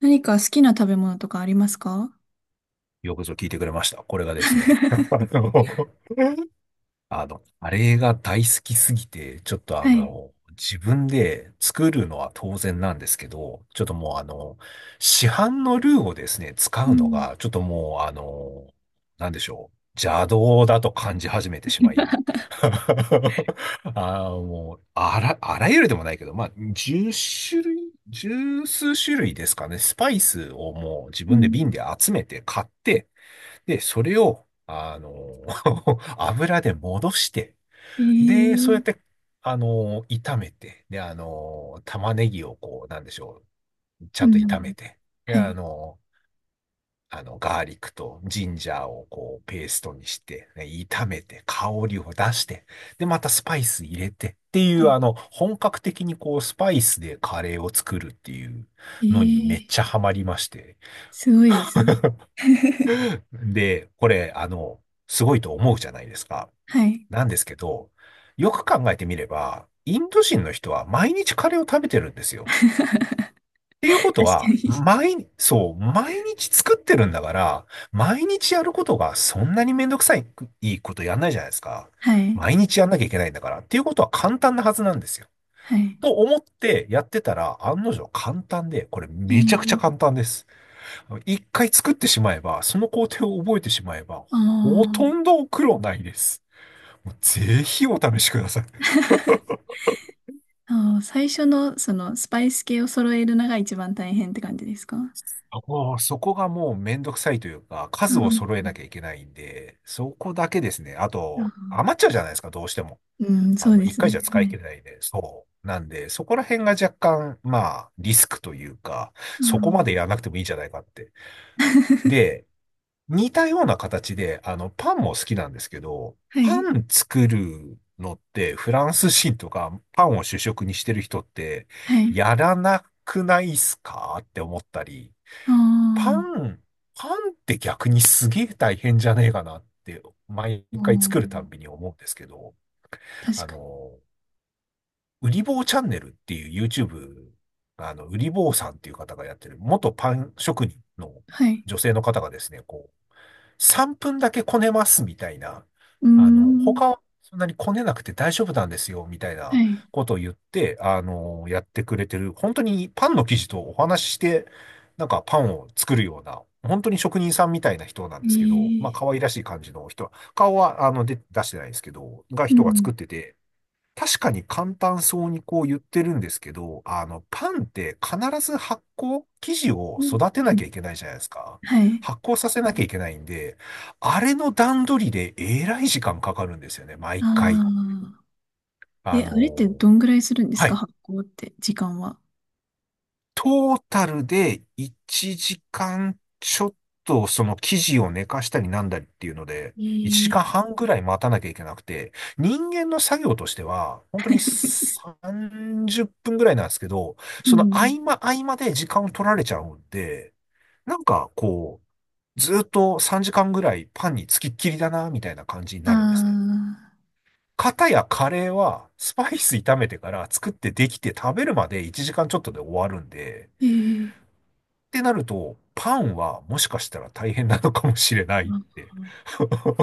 何か好きな食べ物とかありますか？ よくぞ聞いてくれました。これがですね、カレーが大好きすぎて、ちょっとあはい。の、自分で作るのは当然なんですけど、ちょっともうあの、市販のルーをですね、使ううのん。が、ちょっともうあの、なんでしょう。邪道だと感じ始めてしまい。あーもう、あらゆるでもないけど、まあ、1種類、十数種類ですかね、スパイスをもう自う分でん。瓶で集めて買って、で、それを、油で戻して、えで、そうやー、って、炒めて、で、玉ねぎをこう、なんでしょう、ちゃうんと炒ん。めて、で、はい。ガーリックとジンジャーをこう、ペーストにして、ね炒めて、香りを出して、で、またスパイス入れてっていはう、い。本格的にこう、スパイスでカレーを作るっていうえのにめっー、ちゃハマりまして。すごいですね。で、これ、すごいと思うじゃないですか。はい。なんですけど、よく考えてみれば、インド人の人は毎日カレーを食べてるんです よ。確かっていうことは、に。毎、そう、毎日作ってるんだから、毎日やることがそんなにめんどくさい、いいことやんないじゃないですか。はい。毎日やんなきゃいけないんだから。っていうことは簡単なはずなんですよ。はい。と思ってやってたら、案の定簡単で、これえめちゃくちゃー、簡単です。一回作ってしまえば、その工程を覚えてしまえば、あほー とんど苦労ないです。もうぜひお試しください。あー、最初のそのスパイス系を揃えるのが一番大変って感じですか？おーそこがもうめんどくさいというか、う数をん。揃えなきゃいけないんで、そこだけですね。ああと、余っちゃうじゃないですか、どうしても。ーうん、そうで一す回じゃね。使はいい。切れないんで、そう。なんで、そこら辺が若干、まあ、リスクというか、あそこまでー やらなくてもいいんじゃないかって。で、似たような形で、パンも好きなんですけど、はパい。ン作るのって、フランス人とか、パンを主食にしてる人って、はい。やらなくないっすかって思ったり、あパあ、ン、パンって逆にすげえ大変じゃねえかなって、毎う回作るたん。んびに思うんですけど、確あかに。の、うり坊チャンネルっていう YouTube、うり坊さんっていう方がやってる、元パン職人のはい。女性の方がですね、こ3分だけこねますみたいな、うーん。他はそんなにこねなくて大丈夫なんですよみたいはない。ことを言って、やってくれてる、本当にパンの生地とお話しして、なんかパンを作るような、本当に職人さんみたいな人なんですけど、まあええ可愛らしい感じの人は、顔はあので出してないですけど、がう人が作ん。ってて、確かに簡単そうにこう言ってるんですけど、パンって必ず発酵、生地を育てうなきゃんいけないじゃないですか。はい。発酵させなきゃいけないんで、あれの段取りでえらい時間かかるんですよね、毎回。ああ。あえ、あれってどのんぐらいするんですはか？い発行って、時間は。トータルで1時間ちょっとその生地を寝かしたりなんだりっていうので、1時ええ間半ぐらい待たなきゃいけなくて、人間の作業としては、本当に30分ぐらいなんですけど、うそのん。合間合間で時間を取られちゃうんで、なんかこう、ずっと3時間ぐらいパンにつきっきりだな、みたいな感じにあなるんですね。あ、かたやカレーはスパイス炒めてから作ってできて食べるまで1時間ちょっとで終わるんで、ええってなると、パンはもしかしたら大変なのかもしれないっあーて。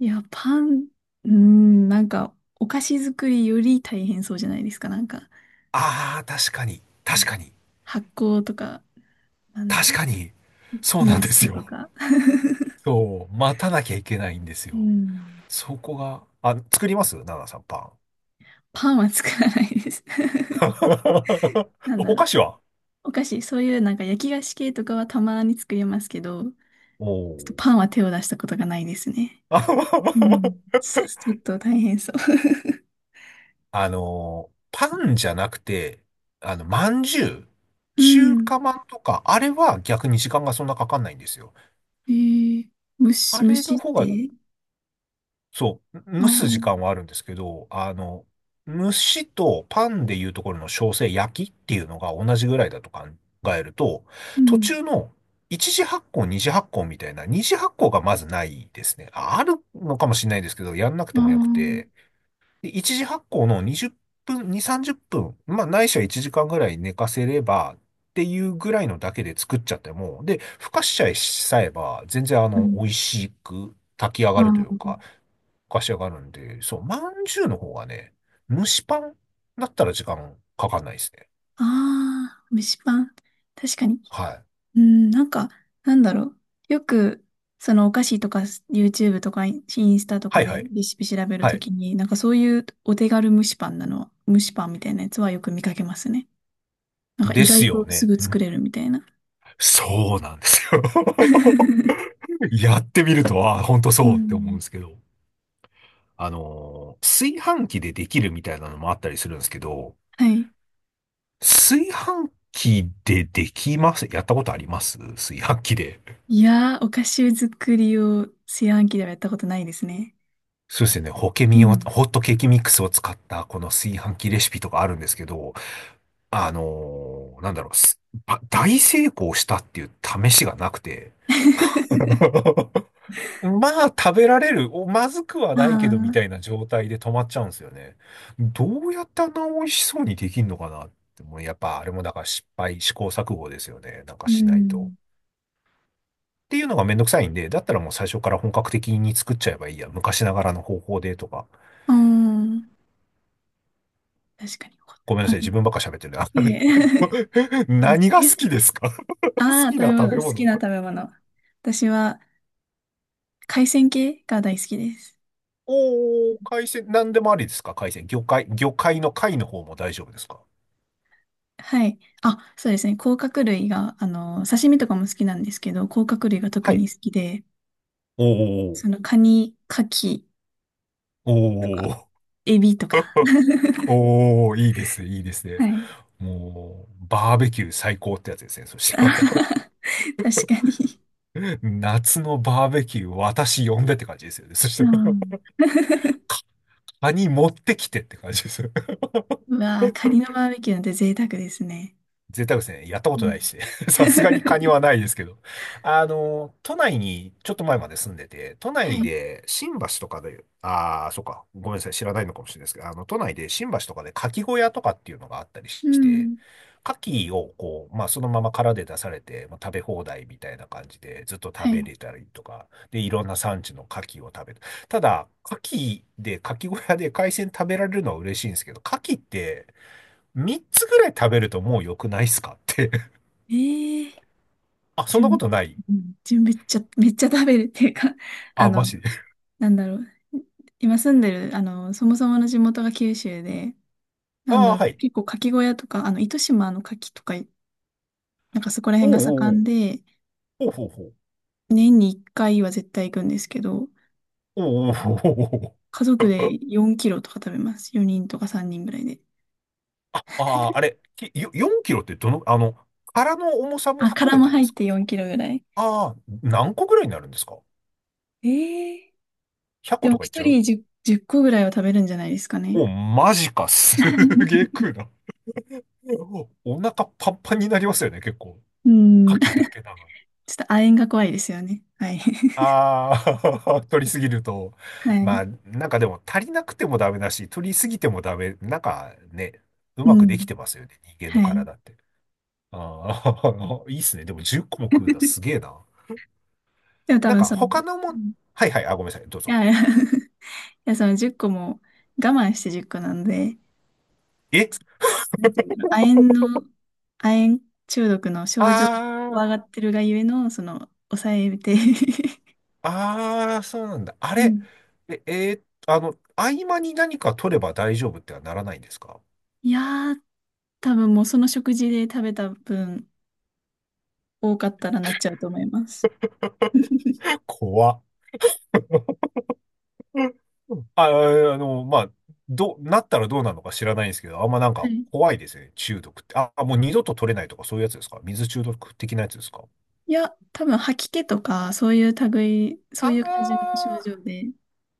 いや、パン、うん、なんか、お菓子作りより大変そうじゃないですか。なんか、ああ、なんか発酵とか、なんだ確ろう、かに、そうなイんーでスすトとよ。か。そう、待たなきゃいけないんですうよ。ん。そこが、あ、作りますナナさん、パン。パンは作らないです。なんだおろ菓う。子はお菓子、そういうなんか焼き菓子系とかはたまに作りますけど、ちょっおとパンー は手を出したことがないですね。う ん。ちょっと大変そう。パンじゃなくて、まんじゅう、う中ん。華まんとか、あれは逆に時間がそんなかかんないんですよ。えー、あ虫、れ虫のっ方がて、そう、ああ蒸す時間ー、はあるんですけど、蒸しとパンでいうところの焼成焼きっていうのが同じぐらいだと考えると、う途ん。中の一次発酵、二次発酵みたいな、二次発酵がまずないですね。ああるのかもしれないですけど、やんなくあてもよくあ、て、で、一次発酵の20分、2、30分、まあ、ないしは1時間ぐらい寝かせれば、っていうぐらいのだけで作っちゃっても、で、ふかしちゃえしさえば、全然うん。美味しく炊き上がるというか、あふかし上がるんで、そう、まんじゅうの方がね、蒸しパンだったら時間かかんないですね。あ、ああ、蒸しパン。確かに。はい。うん、なんか、なんだろう。よく、そのお菓子とか YouTube とかインスタとはかいはでい。レシピ調べるはとい。きに、なんかそういうお手軽蒸しパンなの、蒸しパンみたいなやつはよく見かけますね。なんかで意す外よとすね。ぐう作ん、れるみたいな。そうなんですよ。やってみると、ああ、ほんとうそうって思うんん。ですけど。炊飯器でできるみたいなのもあったりするんですけど、はい。炊飯器でできますやったことあります炊飯器で。いやー、お菓子作りを炊飯器ではやったことないですね。そうですよね。ホケうミを、ん。ホットケーキミックスを使ったこの炊飯器レシピとかあるんですけど、あのーなんだろう、すば大成功したっていう試しがなくて。まあ、食べられる、お、まずくはあないけど、みたいあ、な状態で止まっちゃうんですよね。どうやってあんな美味しそうにできんのかなって、もうやっぱあれもだから失敗、試行錯誤ですよね。なんかうしないと。ん。っていうのがめんどくさいんで、だったらもう最初から本格的に作っちゃえばいいや。昔ながらの方法でとか。うん。確かに。ごめんなあ、さい、自分ばっか喋ってるな。いやいや。うん何が好き炊ですか？ 好ああ、食きべな食物、べ好き物。な食べ物。私は海鮮系が大好きです。おー、海鮮、何でもありですか海鮮？魚介、魚介の貝の方も大丈夫ですか？はい。あ、そうですね。甲殻類が、刺身とかも好きなんですけど、甲殻類が特はにい。好きで、おーそのカニ、カキおとか、ー、エビとか。おー、いいですね。はい。もう、バーベキュー最高ってやつですね、そ しあたら。はは確かに。夏のバーベキュー、私呼んでって感じですよね。そしうたら、ん。カニ持ってきてって感じですよ。うわあ、カニのバーベキューなんて贅沢ですね。贅沢ですね。やったこうとなん いし。さすがにカニ はないですけど。都内にちょっと前まで住んでて、都は内い。で新橋とかで、ああ、そうか。ごめんなさい。知らないのかもしれないですけど、都内で新橋とかで牡蠣小屋とかっていうのがあったりしうて、ん。牡蠣をこう、まあそのまま殻で出されて、まあ、食べ放題みたいな感じでずっと食はべい。れたりとか、で、いろんな産地の牡蠣を食べる。ただ、牡蠣小屋で海鮮食べられるのは嬉しいんですけど、牡蠣って、3つぐらい食べるともう良くないっすかって。ええー、あ、そじんゅなこん、とないうんじゅんめっちゃ、めっちゃ食べるっていうか、ああ、マの、ジで。なんだろう。今住んでる、そもそもの地元が九州で、なんあだあ、ろはう、い。結構牡蠣小屋とか、糸島の牡蠣とか、なんかそこら辺おうがおうお盛んう。で、おうほうほう。年に1回は絶対行くんですけど、おうおうほうほうほう。家族で4キロとか食べます。4人とか3人ぐらいで。ああ、あれ、きよ4キロってどの、殻の重さもあ、含殻めもてで入っすか？て4キロぐらい。ああ、何個ぐらいになるんですか ええ ?100 個でともかいっち1ゃう人10、個ぐらいは食べるんじゃないですかね。お、マジか。すげえ食 うな。おお腹パンパンになりますよね、結構。う牡ん。蠣ちだけなのに。ょっと亜鉛が怖いですよね。はい。ああ、取りすぎると。はい。まあ、なんかでも足りなくてもダメだし、取りすぎてもダメ。なんかね、ううまくできん。てますよね、人間のはい。体って。ああ、いいっすね。でも10個も食うんだ。すげえな。でも多なん分かその、他のうもん、んはい、あ、ごめんなさい。どういぞ。やいやや、その10個も我慢して10個なんで、えなんていうんだろう、亜鉛中毒の症状を怖あがってるがゆえの、その、抑えて あ、ああ、そうなんだ。あ うれ、ん。え、えー合間に何か取れば大丈夫ってはならないんですか？ いやー、多分もうその食事で食べた分多かったらなっちゃうと思います。怖っうんあ、あまあ、どう、なったらどうなのか知らないんですけど、あんまなんはかい。怖いですね、中毒って。あ、もう二度と取れないとかそういうやつですか？水中毒的なやつですか？いや、多分吐き気とか、そういう類、そういう感じのあ症状で、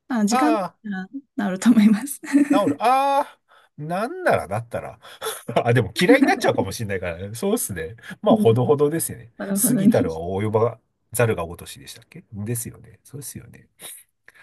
まあ、時間経っああたあら治ると思います。治る。ああ、なんならだったら。あ、でも嫌いになっちゃうかも しれないからね。そうっすね。うまあ、ほん。どほどですよね。ほどほ過どぎに。たるは及ばざるが如しでしたっけ？ですよね。そうですよね。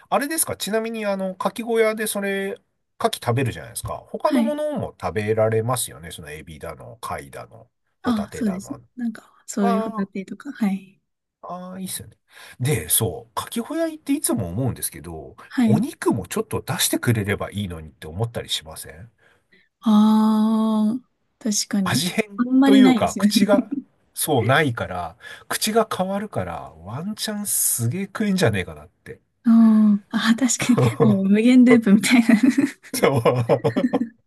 あれですかちなみに、牡蠣小屋でそれ、牡蠣食べるじゃないですか。他はのもい。のも食べられますよね。そのエビだの、貝だの、ホタあ、テそうだです。の。なんか、そういうホタあテとか、はい。ああ、いいっすよね。で、そう、牡蠣小屋行っていつも思うんですけど、はおい。肉もちょっと出してくれればいいのにって思ったりしません？ああ、確かに。味変あんまとりいうないでか、すよね。口が、そう、ないから、口が変わるから、ワンチャンすげえ食えんじゃねえかなって。あーあー、確かに。もう無 限ループみたいな。そう。